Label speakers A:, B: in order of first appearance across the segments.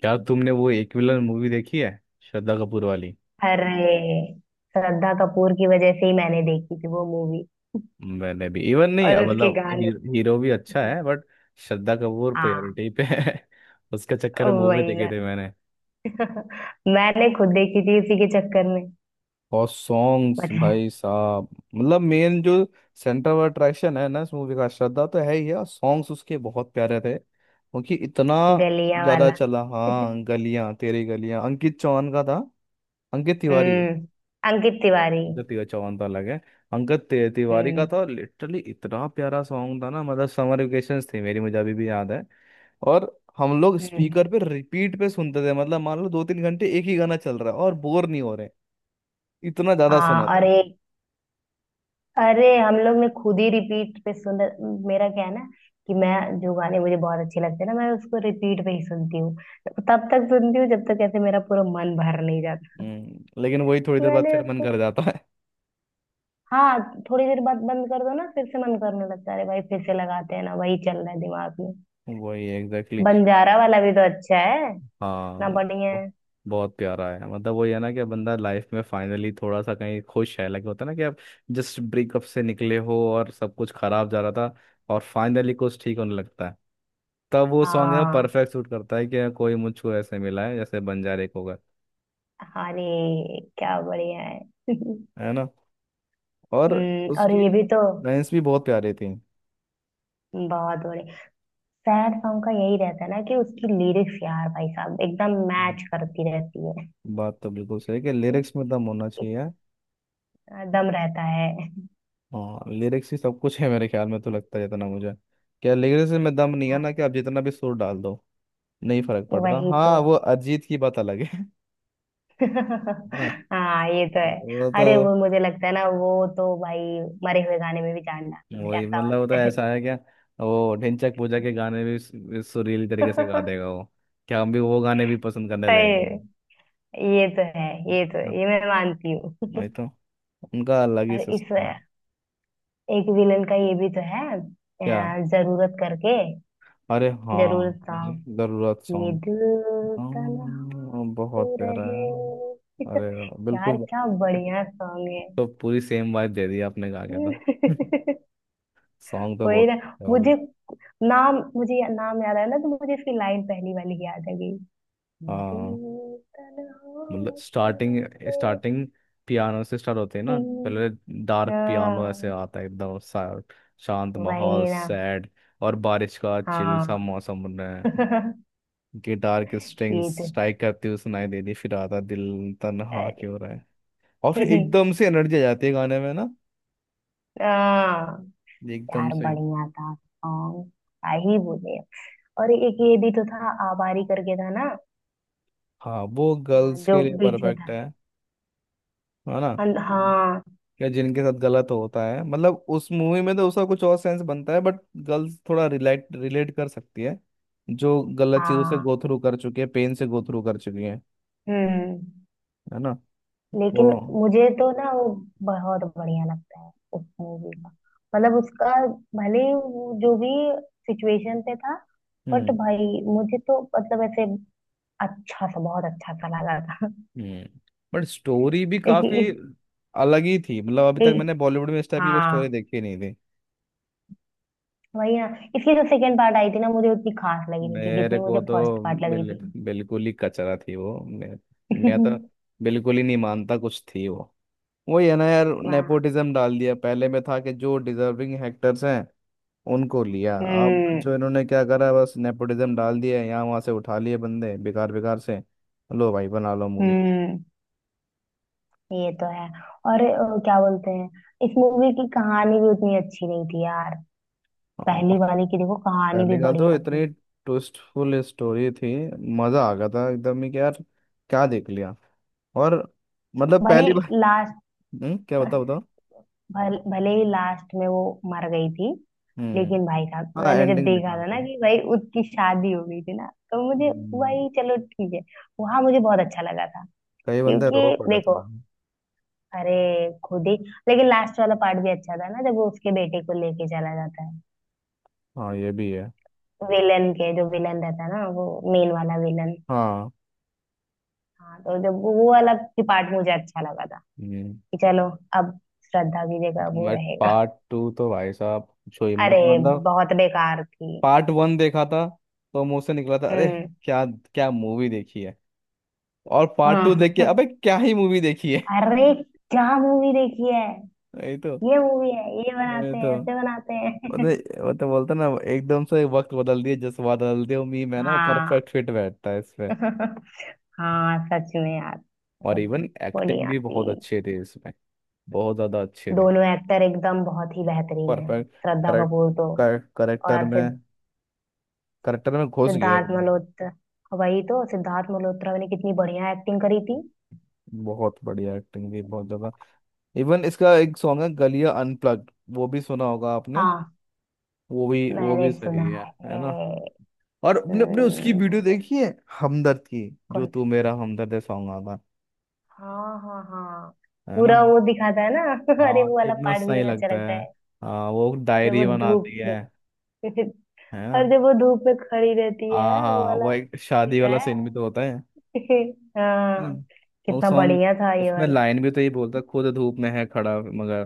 A: क्या तुमने वो एक विलन मूवी देखी है, श्रद्धा कपूर वाली?
B: अरे, श्रद्धा कपूर की वजह से ही मैंने देखी थी वो मूवी
A: मैंने भी इवन नहीं,
B: और उसके
A: मतलब ही,
B: गानों
A: हीरो भी अच्छा
B: की।
A: है बट श्रद्धा कपूर
B: हाँ,
A: प्रायोरिटी पे है। उसके चक्कर में मूवी
B: वही
A: देखे
B: ना।
A: थे मैंने।
B: मैंने खुद देखी थी उसी के चक्कर में।
A: और सॉन्ग्स
B: पता है।
A: भाई साहब, मतलब मेन जो सेंटर ऑफ अट्रैक्शन है ना इस मूवी का, श्रद्धा तो है ही है, और सॉन्ग्स उसके बहुत प्यारे थे क्योंकि इतना
B: गलियां
A: ज्यादा
B: वाला।
A: चला। हाँ, गलियां, तेरी गलियां अंकित चौहान का था। अंकित तिवारी है।
B: हम्म। अंकित तिवारी।
A: अंगद चौहान तो अलग है। अंगद तिवारी का
B: हम्म।
A: था। लिटरली इतना प्यारा सॉन्ग था ना। मतलब समर वेकेशंस थी मेरी, मुझे अभी भी याद है। और हम लोग स्पीकर
B: हम्म।
A: पे रिपीट पे सुनते थे, मतलब मान लो दो तीन घंटे एक ही गाना चल रहा है और बोर नहीं हो रहे। इतना ज्यादा
B: हाँ,
A: सुना
B: और
A: था।
B: एक। अरे, हम लोग ने खुद ही रिपीट पे सुन। मेरा क्या है ना कि मैं जो गाने मुझे बहुत अच्छे लगते हैं ना, मैं उसको रिपीट पे ही सुनती हूँ। तब तक सुनती हूँ जब तक ऐसे मेरा पूरा मन भर नहीं जाता।
A: हम्म। लेकिन वही, थोड़ी देर बाद
B: मैंने
A: फिर मन
B: उसको।
A: कर जाता है।
B: हाँ। थोड़ी देर बाद बंद कर दो ना फिर से मन करने लगता है। अरे भाई, फिर से लगाते हैं ना, वही चल रहा है दिमाग में।
A: वही एग्जैक्टली।
B: बंजारा वाला भी तो अच्छा है
A: हाँ।
B: ना, बढ़िया
A: ब-
B: है।
A: बहुत प्यारा है। मतलब वही है ना कि बंदा लाइफ में फाइनली थोड़ा सा कहीं खुश है, लगे होता है ना कि आप जस्ट ब्रेकअप से निकले हो और सब कुछ खराब जा रहा था, और फाइनली कुछ ठीक होने लगता है। तब वो सॉन्ग है,
B: हाँ,
A: परफेक्ट सूट करता है कि कोई मुझको ऐसे मिला है जैसे बंजारे को होगा।
B: अरे क्या बढ़िया है।
A: है ना। और
B: और
A: उसकी
B: ये भी तो
A: लाइंस भी बहुत प्यारी थी।
B: बहुत बढ़िया। सैड सॉन्ग का यही रहता है ना कि उसकी लिरिक्स यार भाई साहब एकदम मैच
A: हम्म।
B: करती रहती है।
A: बात तो बिल्कुल सही है कि लिरिक्स में दम होना चाहिए।
B: दम रहता है।
A: हाँ, लिरिक्स ही सब कुछ है मेरे ख्याल में तो, लगता है जितना मुझे, क्या लिरिक्स में दम नहीं है ना,
B: हाँ,
A: कि आप जितना भी सुर डाल दो नहीं फर्क पड़ता।
B: वही तो।
A: हाँ, वो अरिजीत की बात अलग है ना।
B: हाँ, ये तो है।
A: वो तो,
B: अरे, वो मुझे लगता है ना, वो तो भाई मरे हुए गाने में भी जान डालते हैं,
A: वही
B: ऐसा
A: मतलब वो तो
B: वाला है।
A: ऐसा है क्या, वो ढिंचैक पूजा के गाने भी सुरीली तरीके से गा देगा वो। क्या हम भी वो गाने भी पसंद करने लगेंगे।
B: सही, ये तो है। ये तो,
A: हाँ,
B: ये मैं मानती हूँ।
A: वही तो, उनका अलग ही
B: और इस
A: सिस्टम है।
B: एक विलन का ये भी तो है
A: क्या?
B: जरूरत करके।
A: अरे हाँ
B: जरूरत
A: जी,
B: सॉन्ग,
A: जरूरत
B: ये
A: सॉन्ग।
B: दिल तन्हा
A: हाँ, बहुत
B: तो
A: प्यारा है।
B: रहे।
A: अरे वाह,
B: यार,
A: बिल्कुल।
B: क्या बढ़िया सॉन्ग है।
A: तो पूरी सेम वाइब दे दी आपने गा के तो। सॉन्ग तो
B: वही
A: बहुत
B: ना।
A: अच्छा हो गई।
B: मुझे मुझे नाम याद आया ना, तो मुझे इसकी लाइन पहली वाली याद आ गई।
A: हाँ,
B: दिल तन्हा
A: मतलब
B: क्यों
A: स्टार्टिंग
B: रहते?
A: स्टार्टिंग पियानो से स्टार्ट होते हैं ना
B: हम्म,
A: पहले। डार्क पियानो ऐसे
B: हाँ,
A: आता है एकदम शांत माहौल,
B: वही ना।
A: सैड। और बारिश का चिल सा
B: हाँ।
A: मौसम बन रहा है। गिटार की स्ट्रिंग्स
B: ये तो,
A: स्ट्राइक करती हुई सुनाई देती, फिर आता दिल तन्हा
B: अरे।
A: क्यों रहा है। और फिर एकदम से एनर्जी आ जाती है गाने में ना,
B: हाँ,
A: एकदम
B: यार
A: से।
B: बढ़िया था सॉन्ग, क्या ही बोले। और एक ये भी तो था आबारी करके था ना,
A: हाँ, वो गर्ल्स
B: जो
A: के लिए
B: बीच में
A: परफेक्ट
B: था।
A: है ना।
B: हाँ, हाँ,
A: या जिनके साथ गलत होता है, मतलब उस मूवी में तो उसका कुछ और सेंस बनता है बट गर्ल्स थोड़ा रिलेट रिलेट कर सकती है, जो गलत चीजों से
B: हाँ,
A: गो थ्रू कर चुकी है, पेन से गो थ्रू कर चुकी है।
B: हम्म।
A: है ना।
B: लेकिन
A: वो।
B: मुझे तो ना वो बहुत बढ़िया लगता है उस मूवी का, मतलब उसका, भले ही वो जो भी सिचुएशन पे था, बट
A: हम्म।
B: भाई, मुझे तो मतलब ऐसे अच्छा सा बहुत अच्छा सा लगा था।
A: हम्म। बट स्टोरी भी
B: एक,
A: काफी
B: एक,
A: अलग ही थी। मतलब अभी तक
B: एक,
A: मैंने बॉलीवुड में इस टाइप की कोई
B: हाँ,
A: स्टोरी देखी नहीं थी।
B: वही ना। इसकी जो सेकंड पार्ट आई थी ना मुझे उतनी खास लगी नहीं थी
A: मेरे
B: जितनी
A: को
B: मुझे फर्स्ट
A: तो
B: पार्ट लगी
A: बिल,
B: थी।
A: बिल्कुल ही कचरा थी वो। मैं तो बिल्कुल ही नहीं मानता कुछ थी वो। वही है ना यार,
B: वाह।
A: नेपोटिज्म डाल दिया। पहले में था कि जो डिजर्विंग एक्टर्स हैं उनको लिया। अब
B: हम्म।
A: जो इन्होंने क्या करा, बस नेपोटिज्म डाल दिया, यहाँ वहां से उठा लिए बंदे बेकार बेकार से। लो भाई, बना लो मूवी।
B: हम्म। ये तो है। और क्या बोलते हैं, इस मूवी की कहानी भी उतनी अच्छी नहीं थी यार। पहली
A: हाँ,
B: वाली की देखो, कहानी भी
A: पहले का तो
B: बढ़िया
A: इतनी
B: थी।
A: ट्विस्टफुल स्टोरी थी, मजा आ गया था एकदम ही कि यार क्या देख लिया। और मतलब
B: भले
A: पहली बार।
B: लास्ट
A: क्या बताओ बताओ।
B: भले ही लास्ट में वो मर गई थी,
A: हम्म।
B: लेकिन भाई साहब,
A: हाँ,
B: मैंने जब
A: एंडिंग
B: देखा
A: बेकार
B: था ना
A: थी।
B: कि भाई उसकी शादी हो गई थी ना, तो मुझे
A: हम्म,
B: वही, चलो ठीक है, वहां मुझे बहुत अच्छा लगा था।
A: कई बंदे
B: क्योंकि
A: रो पड़े थे।
B: देखो, अरे, खुद ही। लेकिन लास्ट वाला पार्ट भी अच्छा था ना, जब वो उसके बेटे को लेके चला जाता है।
A: हाँ, ये भी है।
B: विलन के जो विलन रहता है ना वो, मेन वाला विलन।
A: हाँ।
B: हाँ, तो जब वो वाला पार्ट मुझे अच्छा लगा था
A: हम्म।
B: कि चलो, अब श्रद्धा की जगह वो
A: बट
B: रहेगा।
A: पार्ट टू तो भाई साहब पूछो ही मत।
B: अरे,
A: मतलब
B: बहुत बेकार थी।
A: पार्ट वन देखा था तो मुंह से निकला था, अरे
B: हम्म।
A: क्या क्या मूवी देखी है। और पार्ट टू देख के,
B: हाँ।
A: अबे क्या ही मूवी देखी है।
B: अरे, क्या मूवी देखी है,
A: वही तो
B: ये मूवी है ये
A: वही
B: बनाते
A: तो
B: हैं, ऐसे बनाते
A: वो
B: हैं।
A: तो वो तो बोलते ना, एकदम से वक्त बदल दिए, जज्बा बदल दिए, उम्मीद है ना,
B: हाँ।
A: परफेक्ट फिट बैठता है इसमें।
B: हाँ, सच में यार,
A: और
B: मतलब
A: इवन
B: वो नहीं
A: एक्टिंग भी
B: आती।
A: बहुत अच्छे थे इसमें, बहुत ज्यादा अच्छे थे।
B: दोनों एक्टर एकदम बहुत ही बेहतरीन है।
A: परफेक्ट,
B: श्रद्धा कपूर तो,
A: करेक्ट, करेक्टर
B: और
A: में, करेक्टर में घुस गया
B: सिद्धार्थ
A: एकदम।
B: मल्होत्रा, वही तो, सिद्धार्थ मल्होत्रा ने कितनी बढ़िया एक्टिंग करी थी।
A: बहुत बढ़िया, एक्टिंग भी बहुत ज्यादा। इवन इसका एक सॉन्ग है गलिया अनप्लग्ड, वो भी सुना होगा आपने।
B: हाँ,
A: वो भी
B: मैंने सुना
A: सही है
B: है।
A: है ना। और अपने अपने उसकी
B: हम्म।
A: वीडियो देखी है हमदर्द की, जो
B: कौन?
A: तू मेरा हमदर्द है सॉन्ग आता
B: हाँ, हाँ, हाँ,
A: है ना।
B: पूरा वो दिखाता है ना। अरे,
A: हाँ
B: वो वाला
A: कितना
B: पार्ट भी
A: सही
B: तो अच्छा
A: लगता
B: लगता
A: है।
B: है।
A: हाँ वो
B: जब
A: डायरी
B: वो धूप
A: बनाती
B: में।
A: है। है ना।
B: और जब वो धूप में खड़ी रहती
A: हाँ
B: है वो
A: हाँ,
B: वाला
A: वो एक
B: भी
A: शादी
B: तो
A: वाला
B: है।
A: सीन भी तो होता है।
B: हाँ,
A: हम्म। वो
B: कितना
A: सॉन्ग,
B: बढ़िया था ये
A: उसमें
B: वाला।
A: लाइन भी तो यही बोलता है, खुद धूप में है खड़ा मगर,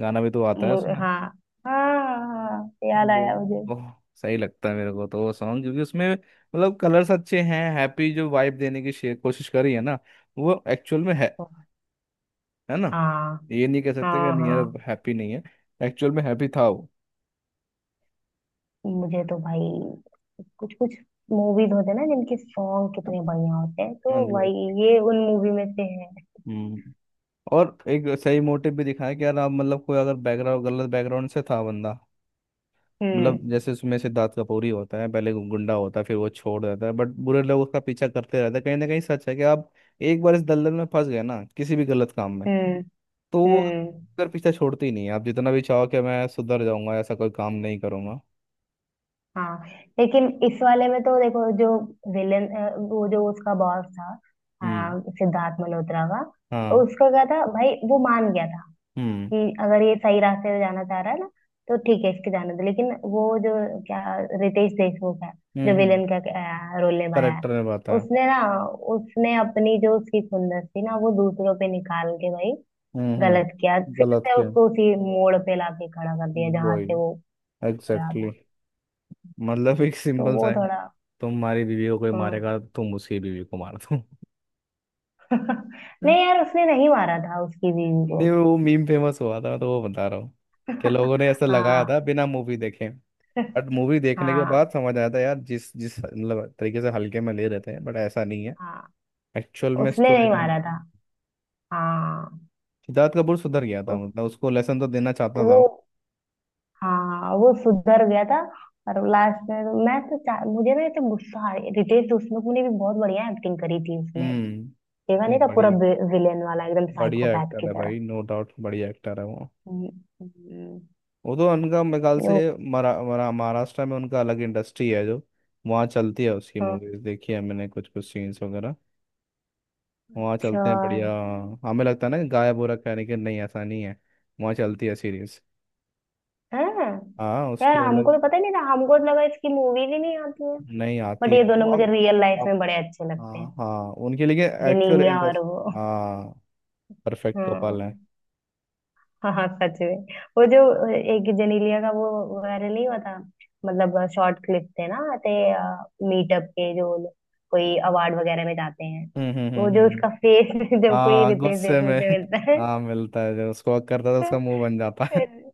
A: गाना भी तो आता है उसमें।
B: हाँ, हाँ, हाँ, याद
A: वो-
B: आया मुझे।
A: बहुत सही लगता है मेरे को तो वो सॉन्ग क्योंकि उसमें, मतलब कलर्स अच्छे हैं, हैप्पी जो वाइब देने की कोशिश कर रही है ना, वो एक्चुअल में है। है ना।
B: हाँ,
A: ये नहीं कह सकते कि
B: हाँ,
A: नहीं यार
B: हाँ।
A: हैप्पी नहीं है, एक्चुअल में हैप्पी था वो।
B: मुझे तो भाई कुछ कुछ मूवीज होते हैं ना जिनके सॉन्ग कितने बढ़िया होते हैं, तो भाई,
A: Exactly.
B: ये उन मूवी में से है।
A: हम्म। और एक सही मोटिव भी दिखाया कि यार आप मतलब कोई अगर बैकग्राउंड, गलत बैकग्राउंड से था बंदा,
B: हम्म।
A: मतलब जैसे उसमें सिद्धार्थ कपूर ही होता है, पहले वो गुंडा होता है फिर वो छोड़ देता है बट बुरे लोग उसका पीछा करते रहते हैं। कहीं ना कहीं सच है कि आप एक बार इस दलदल में फंस गए ना किसी भी गलत काम में,
B: हम्म।
A: तो आप
B: हम्म।
A: अगर पीछा छोड़ते ही नहीं है, आप जितना भी चाहो कि मैं सुधर जाऊंगा ऐसा कोई काम नहीं करूंगा।
B: हाँ, लेकिन इस वाले में तो देखो जो विलेन, वो जो उसका बॉस था।
A: हम्म।
B: हाँ, सिद्धार्थ मल्होत्रा का।
A: हाँ।
B: उसका क्या था भाई, वो मान गया था
A: हम्म
B: कि अगर ये सही रास्ते में जाना चाह रहा है ना, तो ठीक है, इसके जाने दो। लेकिन वो जो क्या, रितेश देशमुख है, जो
A: हम्म।
B: विलेन का रोल निभाया है,
A: करेक्टर ने बाता है।
B: उसने ना, उसने अपनी जो उसकी खुंदस थी ना वो दूसरों पे निकाल के भाई गलत किया,
A: हम्म।
B: फिर
A: गलत
B: से
A: किया,
B: उसको उसी मोड़ पे लाके खड़ा कर दिया जहां
A: वही
B: से वो गया
A: एग्जैक्टली
B: था।
A: exactly. मतलब एक
B: तो
A: सिंपल सा
B: वो
A: है,
B: थोड़ा,
A: तुम हमारी बीवी को कोई
B: हम्म।
A: मारेगा तुम उसकी बीवी को मार दो।
B: नहीं यार, उसने नहीं मारा था उसकी बीवी को।
A: नहीं, वो मीम फेमस हुआ था तो वो बता रहा हूँ कि लोगों ने ऐसा लगाया
B: हाँ,
A: था बिना मूवी देखे। बट मूवी देखने के बाद
B: हाँ,
A: समझ आया था यार, जिस जिस मतलब तरीके से हल्के में ले रहते हैं बट ऐसा नहीं है।
B: हाँ।
A: एक्चुअल में
B: उसने
A: स्टोरी
B: नहीं
A: लाइन,
B: मारा था। हाँ,
A: सिद्धार्थ कपूर सुधर गया था,
B: उ-
A: मतलब उसको लेसन तो देना चाहता था
B: वो,
A: वो।
B: हाँ, वो सुधर गया था। और लास्ट में तो मैं तो मुझे ना तो गुस्सा रितेश देशमुख ने भी बहुत बढ़िया एक्टिंग करी थी उसने,
A: हम्म।
B: देखा
A: ये
B: नहीं था पूरा
A: बढ़िया,
B: विलेन वाला एकदम
A: बढ़िया
B: साइकोपैथ
A: एक्टर
B: की
A: है
B: तरह।
A: भाई, नो डाउट, बढ़िया एक्टर है वो।
B: हम्म। हम्म।
A: वो तो उनका मेरे ख्याल
B: ओ,
A: से मरा, मरा, महाराष्ट्र में उनका अलग इंडस्ट्री है जो वहाँ चलती है, उसकी
B: हाँ,
A: मूवीज देखी है मैंने कुछ कुछ सीन्स वगैरह, वहाँ
B: अच्छा
A: चलते हैं बढ़िया। हाँ, हमें लगता है ना कि गायब हो रखा है लेकिन नहीं ऐसा नहीं है, वहाँ चलती है सीरीज।
B: है हाँ।
A: हाँ
B: यार,
A: उसकी
B: हमको
A: अलग,
B: तो पता ही नहीं था, हमको तो लगा इसकी मूवीज ही नहीं आती।
A: नहीं
B: बट
A: आती
B: ये
A: है
B: दोनों
A: वो
B: मुझे
A: अब।
B: रियल लाइफ
A: अब,
B: में बड़े अच्छे लगते
A: हाँ
B: हैं,
A: हाँ, उनके लिए एक्चुअल
B: जेनेलिया और
A: इंटरेस्ट।
B: वो।
A: हाँ, परफेक्ट कपल
B: हम्म।
A: है।
B: हाँ, हाँ, सच में। वो जो एक जेनेलिया का वो वायरल नहीं हुआ था, मतलब शॉर्ट क्लिप थे ना, ते मीटअप के, जो लोग कोई अवार्ड वगैरह में जाते हैं,
A: हम्म हम्म
B: तो वो
A: हम्म
B: जो
A: हम्म।
B: उसका फेस। जब कोई
A: हाँ
B: रितेश
A: गुस्से
B: देशमुख
A: में।
B: से मिलता है
A: हाँ मिलता है जब उसको हक करता है तो
B: तो
A: उसका मुंह बन जाता है।
B: फिर-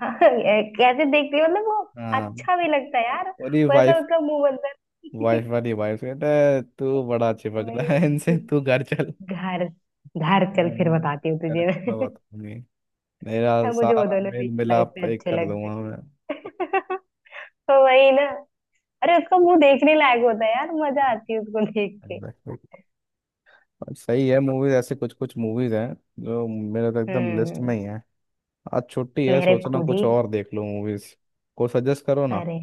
B: हाँ, कैसे देखती है, मतलब वो
A: हाँ,
B: अच्छा भी लगता है यार।
A: और ये
B: वैसा
A: वाइफ,
B: उसका मुंह बनता है।
A: वाइफ वाली, वाइफ कहता है तू बड़ा चिपक रहा है इनसे,
B: वही।
A: तू घर चल।
B: घर घर चल, फिर
A: हम्म,
B: बताती हूँ
A: अरे
B: तुझे
A: मैं
B: मैं।
A: बताऊंगी, मेरा
B: अब मुझे वो
A: सारा
B: दोनों
A: मेल
B: रियल लाइफ में
A: मिलाप एक
B: अच्छे
A: कर
B: लगते
A: दूंगा मैं।
B: हैं। तो वही ना, अरे उसका मुंह देखने लायक होता है यार, मजा आती है उसको देख के।
A: Exactly. और सही है मूवीज, ऐसे कुछ कुछ मूवीज हैं जो मेरे तो एकदम लिस्ट में
B: हम्म।
A: ही है। आज छुट्टी है,
B: मेरे
A: सोचना
B: खुद
A: कुछ
B: ही,
A: और, देख लो मूवीज को सजेस्ट करो ना।
B: अरे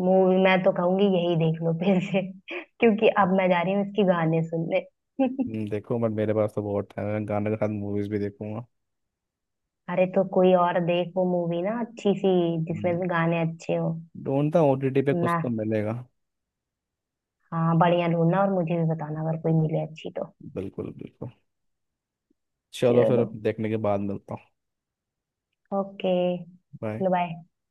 B: मूवी मैं तो कहूंगी यही देख लो फिर से। क्योंकि अब मैं जा रही हूँ इसकी गाने सुनने।
A: देखो बट मेरे पास तो बहुत टाइम है, मैं गाने के साथ मूवीज भी देखूंगा।
B: अरे, तो कोई और देख वो मूवी ना अच्छी सी, जिसमें
A: हम्म,
B: भी गाने अच्छे हो
A: ढूंढता हूँ ओटीटी पे कुछ
B: ना।
A: तो मिलेगा।
B: हाँ, बढ़िया ढूंढना और मुझे भी बताना अगर कोई मिले अच्छी तो।
A: बिल्कुल बिल्कुल। चलो फिर
B: चलो,
A: देखने के बाद मिलता हूँ।
B: Okay,
A: bye.
B: चलो बाय।